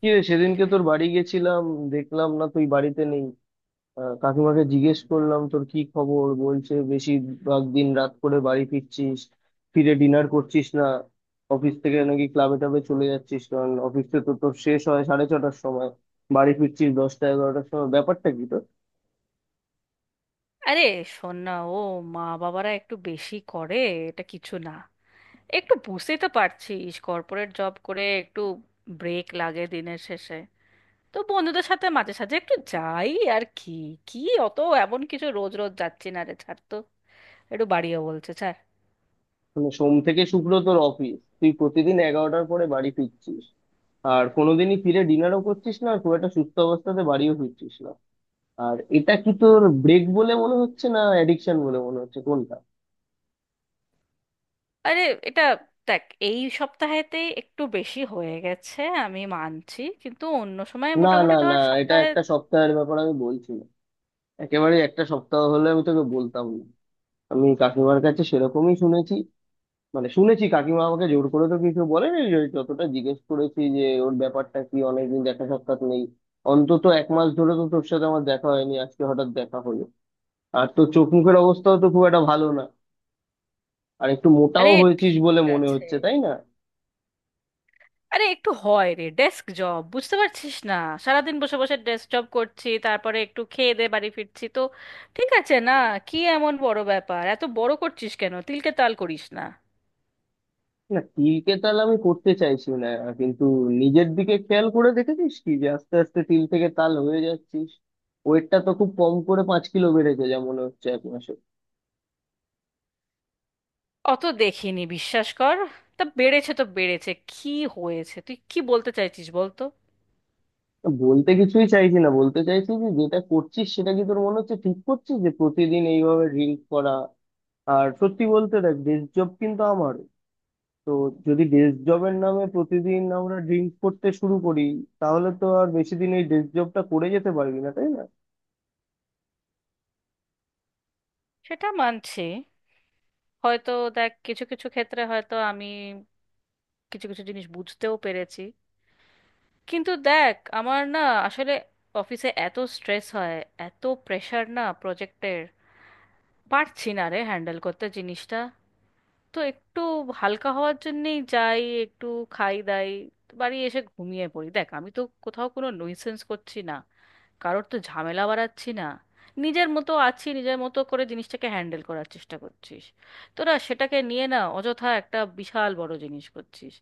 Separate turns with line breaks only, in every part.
কি রে, সেদিনকে তোর বাড়ি গেছিলাম। দেখলাম না তুই বাড়িতে নেই। কাকিমাকে জিজ্ঞেস করলাম তোর কি খবর, বলছে বেশিরভাগ দিন রাত করে বাড়ি ফিরছিস, ফিরে ডিনার করছিস না, অফিস থেকে নাকি ক্লাবে টাবে চলে যাচ্ছিস, কারণ অফিস তো তোর শেষ হয় সাড়ে 6টার সময়, বাড়ি ফিরছিস 10টা 11টার সময়। ব্যাপারটা কি তোর?
আরে শোন না। ও মা বাবারা একটু বেশি করে, এটা কিছু না। একটু বুঝতেই তো পারছিস, কর্পোরেট জব করে একটু ব্রেক লাগে দিনের শেষে। তো বন্ধুদের সাথে মাঝে সাঝে একটু যাই আর কি। কি অত এমন কিছু রোজ রোজ যাচ্ছি না রে, ছাড় তো। একটু বাড়িও বলছে, ছাড়।
মানে সোম থেকে শুক্র তোর অফিস, তুই প্রতিদিন 11টার পরে বাড়ি ফিরছিস, আর কোনোদিনই ফিরে ডিনারও করছিস না, আর খুব একটা সুস্থ অবস্থাতে বাড়িও ফিরছিস না। আর এটা কি তোর ব্রেক বলে মনে হচ্ছে, না অ্যাডিকশন বলে মনে হচ্ছে, কোনটা?
আরে এটা দেখ, এই সপ্তাহেতেই একটু বেশি হয়ে গেছে আমি মানছি, কিন্তু অন্য সময়
না না
মোটামুটি
না,
ধর
এটা
সপ্তাহে।
একটা সপ্তাহের ব্যাপার আমি বলছি না। একেবারে একটা সপ্তাহ হলে আমি তোকে বলতাম না। আমি কাকিমার কাছে সেরকমই শুনেছি। মানে শুনেছি, কাকিমা আমাকে জোর করে তো কিছু বলেনি, যে যতটা জিজ্ঞেস করেছি যে ওর ব্যাপারটা কি, অনেকদিন দেখা সাক্ষাৎ নেই। অন্তত 1 মাস ধরে তো তোর সাথে আমার দেখা হয়নি, আজকে হঠাৎ দেখা হলো। আর তোর চোখ মুখের অবস্থাও তো খুব একটা ভালো না। আর একটু মোটাও
আরে
হয়েছিস বলে
ঠিক
মনে
আছে।
হচ্ছে, তাই না?
আরে একটু হয় রে, ডেস্ক জব বুঝতে পারছিস না? সারাদিন বসে বসে ডেস্ক জব করছি, তারপরে একটু খেয়ে দে বাড়ি ফিরছি তো। ঠিক আছে না? কি এমন বড় ব্যাপার, এত বড় করছিস কেন? তিলকে তাল করিস না।
না, তিলকে তাল আমি করতে চাইছি না, কিন্তু নিজের দিকে খেয়াল করে দেখেছিস কি, যে আস্তে আস্তে তিল থেকে তাল হয়ে যাচ্ছিস? ওয়েটটা তো খুব কম করে 5 কিলো বেড়েছে যা মনে হচ্ছে 1 মাসে।
অত দেখিনি বিশ্বাস কর। তা বেড়েছে তো বেড়েছে, কি হয়েছে? তুই কি বলতে চাইছিস বলতো?
তা বলতে কিছুই চাইছি না, বলতে চাইছি যে যেটা করছিস সেটা কি তোর মনে হচ্ছে ঠিক করছিস, যে প্রতিদিন এইভাবে ড্রিঙ্ক করা? আর সত্যি বলতে দেখ, ডেস্ক জব কিন্তু আমার, তো যদি ডেস্ক জবের নামে প্রতিদিন আমরা ড্রিঙ্ক করতে শুরু করি, তাহলে তো আর বেশি দিন এই ডেস্ক জবটা করে যেতে পারবি না, তাই না?
সেটা মানছি হয়তো। দেখ কিছু কিছু ক্ষেত্রে হয়তো আমি কিছু কিছু জিনিস বুঝতেও পেরেছি, কিন্তু দেখ আমার না, আসলে অফিসে এত স্ট্রেস হয়, এত প্রেশার না প্রজেক্টের, পারছি না রে হ্যান্ডেল করতে জিনিসটা। তো একটু হালকা হওয়ার জন্যেই যাই, একটু খাই দাই, বাড়ি এসে ঘুমিয়ে পড়ি। দেখ আমি তো কোথাও কোনো নইসেন্স করছি না, কারোর তো ঝামেলা বাড়াচ্ছি না, নিজের মতো আছি, নিজের মতো করে জিনিসটাকে হ্যান্ডেল করার চেষ্টা করছিস। তোরা সেটাকে নিয়ে না অযথা একটা বিশাল বড় জিনিস করছিস।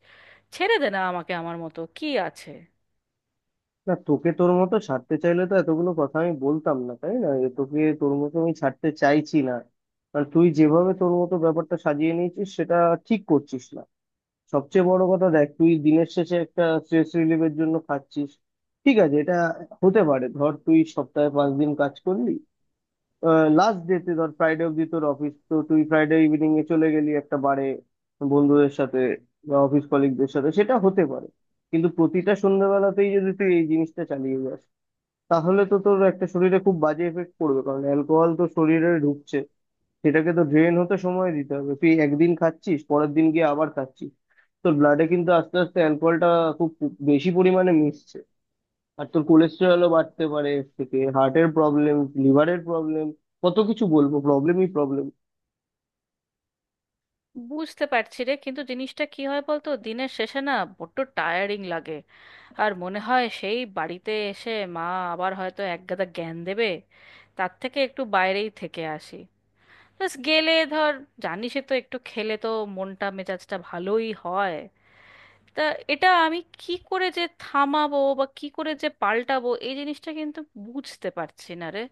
ছেড়ে দে না আমাকে আমার মতো, কি আছে?
না, তোকে তোর মতো ছাড়তে চাইলে তো এতগুলো কথা আমি বলতাম না, তাই না? এ, তোকে তোর মতো আমি ছাড়তে চাইছি না। কারণ তুই যেভাবে তোর মতো ব্যাপারটা সাজিয়ে নিয়েছিস, সেটা ঠিক করছিস না। সবচেয়ে বড় কথা দেখ, তুই দিনের শেষে একটা স্ট্রেস রিলিফের জন্য খাচ্ছিস, ঠিক আছে, এটা হতে পারে। ধর তুই সপ্তাহে 5 দিন কাজ করলি, লাস্ট ডেতে ধর ফ্রাইডে অব্দি তোর অফিস, তো তুই ফ্রাইডে ইভিনিং এ চলে গেলি একটা বারে বন্ধুদের সাথে বা অফিস কলিগদের সাথে, সেটা হতে পারে। কিন্তু প্রতিটা সন্ধ্যাবেলাতেই যদি তুই এই জিনিসটা চালিয়ে যাস, তাহলে তো তোর একটা শরীরে খুব বাজে এফেক্ট পড়বে, কারণ অ্যালকোহল তো শরীরে ঢুকছে, সেটাকে তো ড্রেন হতে সময় দিতে হবে। তুই একদিন খাচ্ছিস, পরের দিন গিয়ে আবার খাচ্ছিস, তোর ব্লাডে কিন্তু আস্তে আস্তে অ্যালকোহলটা খুব বেশি পরিমাণে মিশছে। আর তোর কোলেস্টেরলও বাড়তে পারে এর থেকে, হার্টের প্রবলেম, লিভারের প্রবলেম, কত কিছু বলবো, প্রবলেমই প্রবলেম।
বুঝতে পারছি রে, কিন্তু জিনিসটা কি হয় বলতো, দিনের শেষে না বড্ড টায়ারিং লাগে। আর মনে হয় সেই বাড়িতে এসে মা আবার হয়তো একগাদা জ্ঞান দেবে, তার থেকে একটু বাইরেই থেকে আসি। ব্যাস গেলে ধর, জানিসই তো, একটু খেলে তো মনটা মেজাজটা ভালোই হয়। তা এটা আমি কি করে যে থামাবো বা কি করে যে পাল্টাবো এই জিনিসটা কিন্তু বুঝতে পারছি না রে।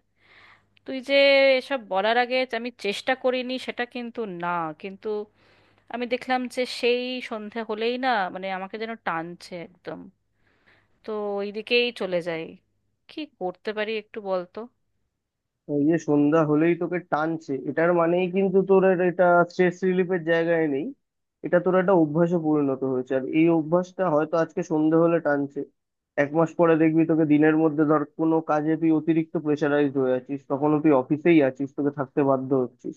তুই যে এসব বলার আগে যে আমি চেষ্টা করিনি সেটা কিন্তু না, কিন্তু আমি দেখলাম যে সেই সন্ধে হলেই না, মানে আমাকে যেন টানছে একদম। তো ওই দিকেই চলে যাই। কি করতে পারি একটু বলতো?
ওই যে সন্ধ্যা হলেই তোকে টানছে, এটার মানেই কিন্তু তোর আর এটা স্ট্রেস রিলিফের জায়গায় নেই। এটা তোর একটা অভ্যাসে পরিণত হয়েছে, আর এই অভ্যাসটা হয়তো আজকে সন্ধ্যা হলে টানছে, 1 মাস পরে দেখবি তোকে দিনের মধ্যে ধর কোনো কাজে তুই অতিরিক্ত প্রেশারাইজড হয়ে আছিস, তখনও তুই অফিসেই আছিস, তোকে থাকতে বাধ্য হচ্ছিস,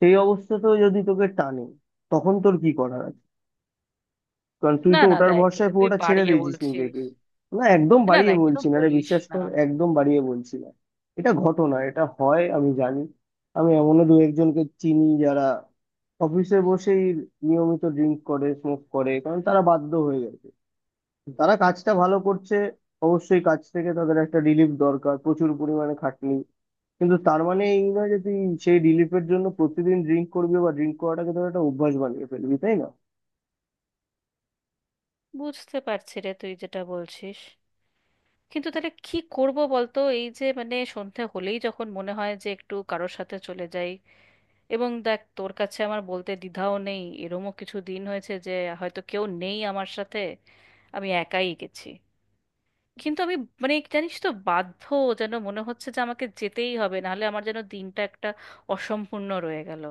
সেই অবস্থাতেও যদি তোকে টানে, তখন তোর কি করার? কারণ তুই
না
তো
না
ওটার
দেখ,
ভরসায়
এটা তুই
পুরোটা ছেড়ে
বাড়িয়ে
দিয়েছিস
বলছিস।
নিজেকে। না, একদম
না না
বাড়িয়ে
এরকম
বলছি না রে,
বলিস
বিশ্বাস
না।
কর, একদম বাড়িয়ে বলছি না। এটা ঘটনা, এটা হয়, আমি জানি। আমি এমনও দু একজনকে চিনি যারা অফিসে বসেই নিয়মিত ড্রিঙ্ক করে, স্মোক করে, কারণ তারা বাধ্য হয়ে গেছে। তারা কাজটা ভালো করছে, অবশ্যই কাজ থেকে তাদের একটা রিলিফ দরকার, প্রচুর পরিমাণে খাটনি। কিন্তু তার মানে এই নয় যে তুই সেই রিলিফের জন্য প্রতিদিন ড্রিঙ্ক করবি বা ড্রিঙ্ক করাটাকে তোর একটা অভ্যাস বানিয়ে ফেলবি, তাই না?
বুঝতে পারছি রে তুই যেটা বলছিস, কিন্তু তাহলে কি করব বলতো? এই যে মানে সন্ধে হলেই যখন মনে হয় যে একটু কারোর সাথে চলে যাই। এবং দেখ তোর কাছে আমার বলতে দ্বিধাও নেই, এরমও কিছু দিন হয়েছে যে হয়তো কেউ নেই আমার সাথে, আমি একাই গেছি। কিন্তু আমি মানে জানিস তো, বাধ্য যেন মনে হচ্ছে যে আমাকে যেতেই হবে, নাহলে আমার যেন দিনটা একটা অসম্পূর্ণ রয়ে গেল।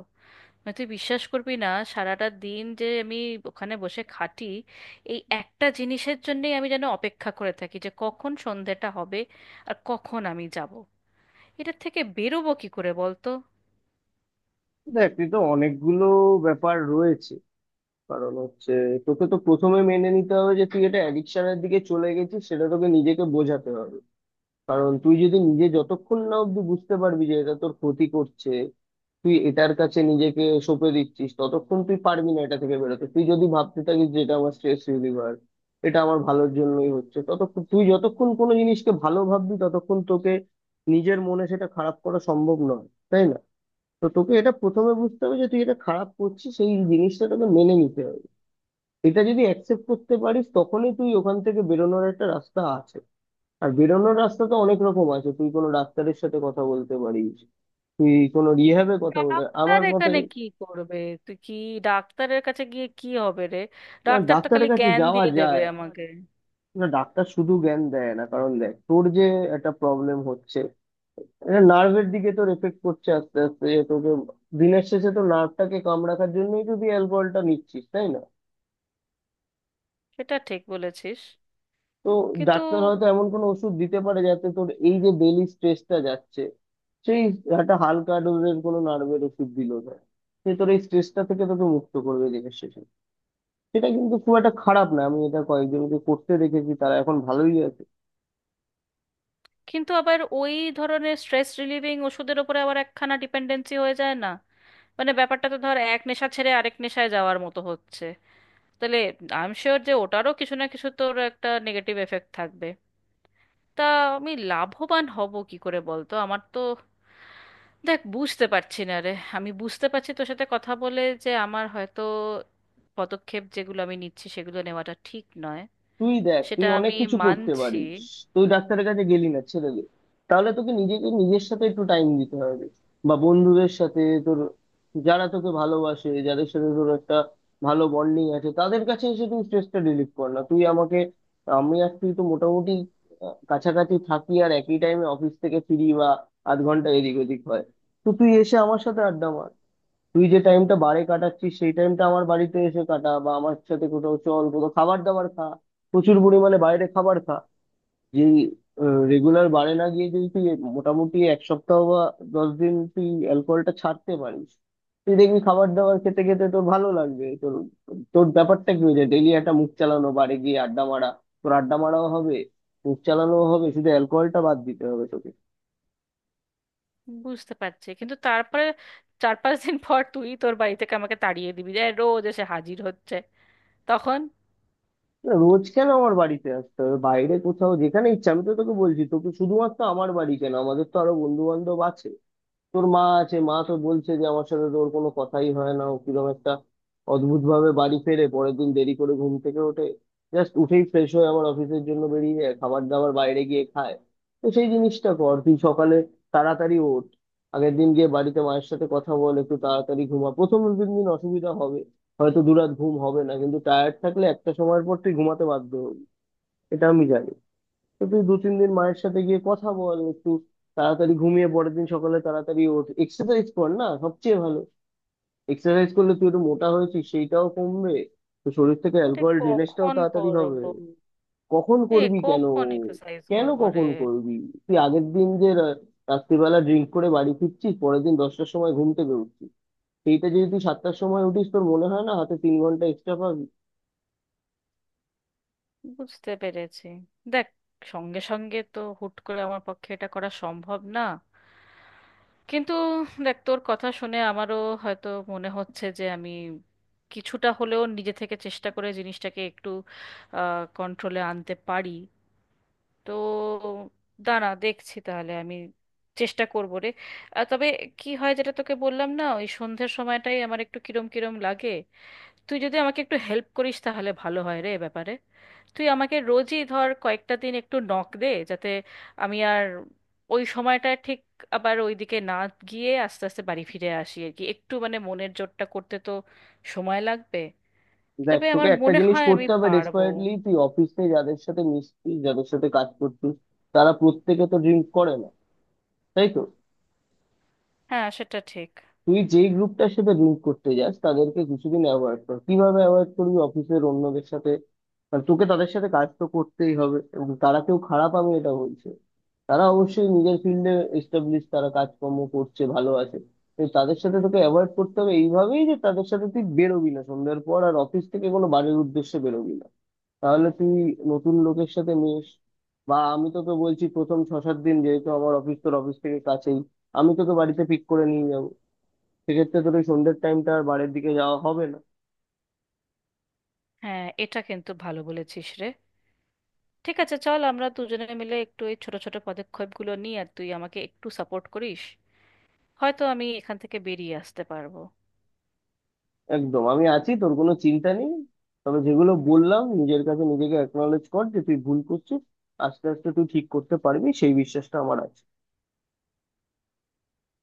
মানে তুই বিশ্বাস করবি না, সারাটা দিন যে আমি ওখানে বসে খাটি, এই একটা জিনিসের জন্যই আমি যেন অপেক্ষা করে থাকি যে কখন সন্ধেটা হবে আর কখন আমি যাব। এটার থেকে বেরোবো কি করে বলতো?
দেখ, তুই তো অনেকগুলো ব্যাপার রয়েছে। কারণ হচ্ছে, তোকে তো প্রথমে মেনে নিতে হবে যে তুই এটা অ্যাডিকশনের দিকে চলে গেছিস, সেটা তোকে নিজেকে বোঝাতে হবে। কারণ তুই যদি নিজে যতক্ষণ না অব্দি বুঝতে পারবি যে এটা তোর ক্ষতি করছে, তুই এটার কাছে নিজেকে সঁপে দিচ্ছিস, ততক্ষণ তুই পারবি না এটা থেকে বেরোতে। তুই যদি ভাবতে থাকিস যে এটা আমার স্ট্রেস রিলিভার, এটা আমার ভালোর জন্যই হচ্ছে, ততক্ষণ তুই যতক্ষণ কোনো জিনিসকে ভালো ভাববি ততক্ষণ তোকে নিজের মনে সেটা খারাপ করা সম্ভব নয়, তাই না? তো তোকে এটা প্রথমে বুঝতে হবে যে তুই এটা খারাপ করছিস, সেই জিনিসটা তোকে মেনে নিতে হবে। এটা যদি অ্যাকসেপ্ট করতে পারিস, তখনই তুই ওখান থেকে বেরোনোর একটা রাস্তা আছে। আর বেরোনোর রাস্তা তো অনেক রকম আছে, তুই কোনো ডাক্তারের সাথে কথা বলতে পারিস, তুই কোনো রিহ্যাবে কথা বলতে,
ডাক্তার
আমার মতে।
এখানে কি করবে? তুই কি ডাক্তারের কাছে গিয়ে কি হবে রে?
না,
ডাক্তার তো খালি
ডাক্তারের কাছে
জ্ঞান
যাওয়া
দিয়ে দেবে
যায়।
আমাকে।
না, ডাক্তার শুধু জ্ঞান দেয় না, কারণ দেখ তোর যে একটা প্রবলেম হচ্ছে, এটা নার্ভের দিকে তোর এফেক্ট করছে আস্তে আস্তে, যে তোকে দিনের শেষে তো নার্ভটাকে কামড় রাখার জন্যই তো তুই অ্যালকোহলটা নিচ্ছিস, তাই না?
সেটা ঠিক বলেছিস
তো
কিন্তু।
ডাক্তার হয়তো এমন কোনো ওষুধ দিতে পারে যাতে তোর এই যে ডেইলি স্ট্রেসটা যাচ্ছে, সেই একটা হালকা ডোজের কোনো নার্ভের ওষুধ দিল, সে তোর এই স্ট্রেসটা থেকে তোকে মুক্ত করবে দিনের শেষে। সেটা কিন্তু খুব একটা খারাপ না, আমি এটা কয়েকজনকে করতে দেখেছি, তারা এখন ভালোই আছে।
কিন্তু আবার ওই ধরনের স্ট্রেস রিলিভিং ওষুধের ওপরে আবার একখানা ডিপেন্ডেন্সি হয়ে যায় না? মানে ব্যাপারটা তো ধর এক নেশা ছেড়ে আরেক নেশায় যাওয়ার মতো হচ্ছে। তাহলে আই এম শিওর যে ওটারও কিছু না কিছু তোর একটা নেগেটিভ এফেক্ট থাকবে। তা আমি লাভবান হব কি করে বলতো? আমার তো দেখ বুঝতে পারছি না রে। আমি বুঝতে পারছি তোর সাথে কথা বলে যে আমার হয়তো পদক্ষেপ যেগুলো আমি নিচ্ছি সেগুলো নেওয়াটা ঠিক নয়,
তুই দেখ, তুই
সেটা
অনেক
আমি
কিছু করতে
মানছি।
পারিস। তুই ডাক্তারের কাছে গেলি না, ছেড়ে দে। তাহলে তোকে নিজেকে নিজের সাথে একটু টাইম দিতে হবে, বা বন্ধুদের সাথে তোর যারা তোকে ভালোবাসে, যাদের সাথে তোর একটা ভালো বন্ডিং আছে, তাদের কাছে এসে তুই স্ট্রেসটা রিলিফ কর না। তুই আমাকে, আমি আর তুই তো মোটামুটি কাছাকাছি থাকি, আর একই টাইমে অফিস থেকে ফিরি বা আধ ঘন্টা এদিক ওদিক হয়। তো তুই এসে আমার সাথে আড্ডা মার। তুই যে টাইমটা বারে কাটাচ্ছিস, সেই টাইমটা আমার বাড়িতে এসে কাটা, বা আমার সাথে কোথাও চল, কোথাও খাবার দাবার খা, প্রচুর পরিমাণে বাইরে খাবার খা। যে রেগুলার বারে না গিয়ে যদি তুই মোটামুটি 1 সপ্তাহ বা 10 দিন তুই অ্যালকোহলটা ছাড়তে পারিস, তুই দেখবি খাবার দাবার খেতে খেতে তোর ভালো লাগবে। তোর তোর ব্যাপারটা কি হয়ে যায়, ডেইলি একটা মুখ চালানো, বারে গিয়ে আড্ডা মারা। তোর আড্ডা মারাও হবে, মুখ চালানোও হবে, শুধু অ্যালকোহলটা বাদ দিতে হবে তোকে।
বুঝতে পারছি, কিন্তু তারপরে 4 5 দিন পর তুই তোর বাড়ি থেকে আমাকে তাড়িয়ে দিবি যে রোজ এসে হাজির হচ্ছে, তখন?
না, রোজ কেন আমার বাড়িতে আসতে হবে, বাইরে কোথাও যেখানে ইচ্ছা, আমি তো তোকে বলছি, তোকে শুধুমাত্র আমার বাড়ি কেন, আমাদের তো আরো বন্ধু বান্ধব আছে। তোর মা আছে, মা তো বলছে যে আমার সাথে তোর কোনো কথাই হয় না, ও কিরকম একটা অদ্ভুত ভাবে বাড়ি ফেরে, পরের দিন দেরি করে ঘুম থেকে ওঠে, জাস্ট উঠেই ফ্রেশ হয়ে আবার অফিসের জন্য বেরিয়ে যায়, খাবার দাবার বাইরে গিয়ে খায়। তো সেই জিনিসটা কর, তুই সকালে তাড়াতাড়ি ওঠ, আগের দিন গিয়ে বাড়িতে মায়ের সাথে কথা বল, একটু তাড়াতাড়ি ঘুমা। প্রথম 2-3 দিন অসুবিধা হবে, হয়তো 2 রাত ঘুম হবে না, কিন্তু টায়ার্ড থাকলে একটা সময়ের পর তুই ঘুমাতে বাধ্য হবি, এটা আমি জানি। তো তুই 2-3 দিন মায়ের সাথে গিয়ে কথা বল, একটু তাড়াতাড়ি ঘুমিয়ে পরের দিন সকালে তাড়াতাড়ি ওঠ, এক্সারসাইজ কর না সবচেয়ে ভালো। এক্সারসাইজ করলে তুই একটু মোটা হয়েছিস সেইটাও কমবে, তো শরীর থেকে
আরে
অ্যালকোহল ড্রেনেজটাও
কখন
তাড়াতাড়ি
করব?
হবে। কখন
এ
করবি কেন?
কখন এক্সারসাইজ
কেন
করব রে?
কখন করবি? তুই আগের দিন যে রাত্রিবেলা ড্রিঙ্ক করে বাড়ি ফিরছিস, পরের দিন 10টার সময় ঘুম থেকে উঠছিস, সেইটা যদি তুই 7টার সময় উঠিস, তোর মনে হয় না হাতে 3 ঘন্টা এক্সট্রা পাবি?
বুঝতে পেরেছি। দেখ সঙ্গে সঙ্গে তো হুট করে আমার পক্ষে এটা করা সম্ভব না, কিন্তু দেখ তোর কথা শুনে আমারও হয়তো মনে হচ্ছে যে আমি কিছুটা হলেও নিজে থেকে চেষ্টা করে জিনিসটাকে একটু কন্ট্রোলে আনতে পারি। তো দাঁড়া দেখছি, তাহলে আমি চেষ্টা করবো রে। আর তবে কি হয় যেটা তোকে বললাম না, ওই সন্ধ্যের সময়টাই আমার একটু কিরম কিরম লাগে। তুই যদি আমাকে একটু হেল্প করিস তাহলে ভালো হয় রে এ ব্যাপারে। তুই আমাকে রোজই ধর কয়েকটা দিন একটু নক দে, যাতে আমি আর ওই সময়টা ঠিক আবার ওইদিকে না গিয়ে আস্তে আস্তে বাড়ি ফিরে আসি আর কি। একটু মানে মনের জোরটা করতে তো সময় লাগবে,
দেখ,
তবে আমার
তোকে একটা
মনে
জিনিস
হয় আমি
করতে হবে
পারবো।
ডেসপারেটলি, তুই অফিসে যাদের সাথে মিশছিস, যাদের সাথে কাজ করছিস, তারা প্রত্যেকে তো ড্রিঙ্ক করে না, তাই তো?
হ্যাঁ সেটা ঠিক।
তুই যেই গ্রুপটার সাথে ড্রিঙ্ক করতে যাস, তাদেরকে কিছুদিন অ্যাভয়েড কর, কিভাবে অ্যাভয়েড করবি, অফিসের অন্যদের সাথে আর তোকে তাদের সাথে কাজ তো করতেই হবে, এবং তারা কেউ খারাপ আমি এটা বলছে। তারা অবশ্যই নিজের ফিল্ডে এস্টাবলিশ, তারা কাজকর্ম করছে, ভালো আছে। তো তাদের সাথে তোকে অ্যাভয়েড করতে হবে এইভাবেই, যে তাদের সাথে তুই বেরোবি না সন্ধ্যার পর, আর অফিস থেকে কোনো বাড়ির উদ্দেশ্যে বেরোবি না। তাহলে তুই নতুন লোকের সাথে মিশ, বা আমি তোকে বলছি প্রথম 6-7 দিন, যেহেতু আমার অফিস তোর অফিস থেকে কাছেই, আমি তোকে বাড়িতে পিক করে নিয়ে যাবো, সেক্ষেত্রে তোর ওই সন্ধ্যের টাইমটা আর বাড়ির দিকে যাওয়া হবে না।
হ্যাঁ এটা কিন্তু ভালো বলেছিস রে। ঠিক আছে চল আমরা দুজনে মিলে একটু এই ছোট ছোট পদক্ষেপগুলো নিই আর তুই আমাকে একটু সাপোর্ট করিস, হয়তো আমি এখান থেকে বেরিয়ে আসতে পারবো।
একদম, আমি আছি, তোর কোনো চিন্তা নেই। তবে যেগুলো বললাম, নিজের কাছে নিজেকে অ্যাকনোলেজ কর যে তুই ভুল করছিস। আস্তে আস্তে তুই ঠিক করতে পারবি, সেই বিশ্বাসটা আমার আছে।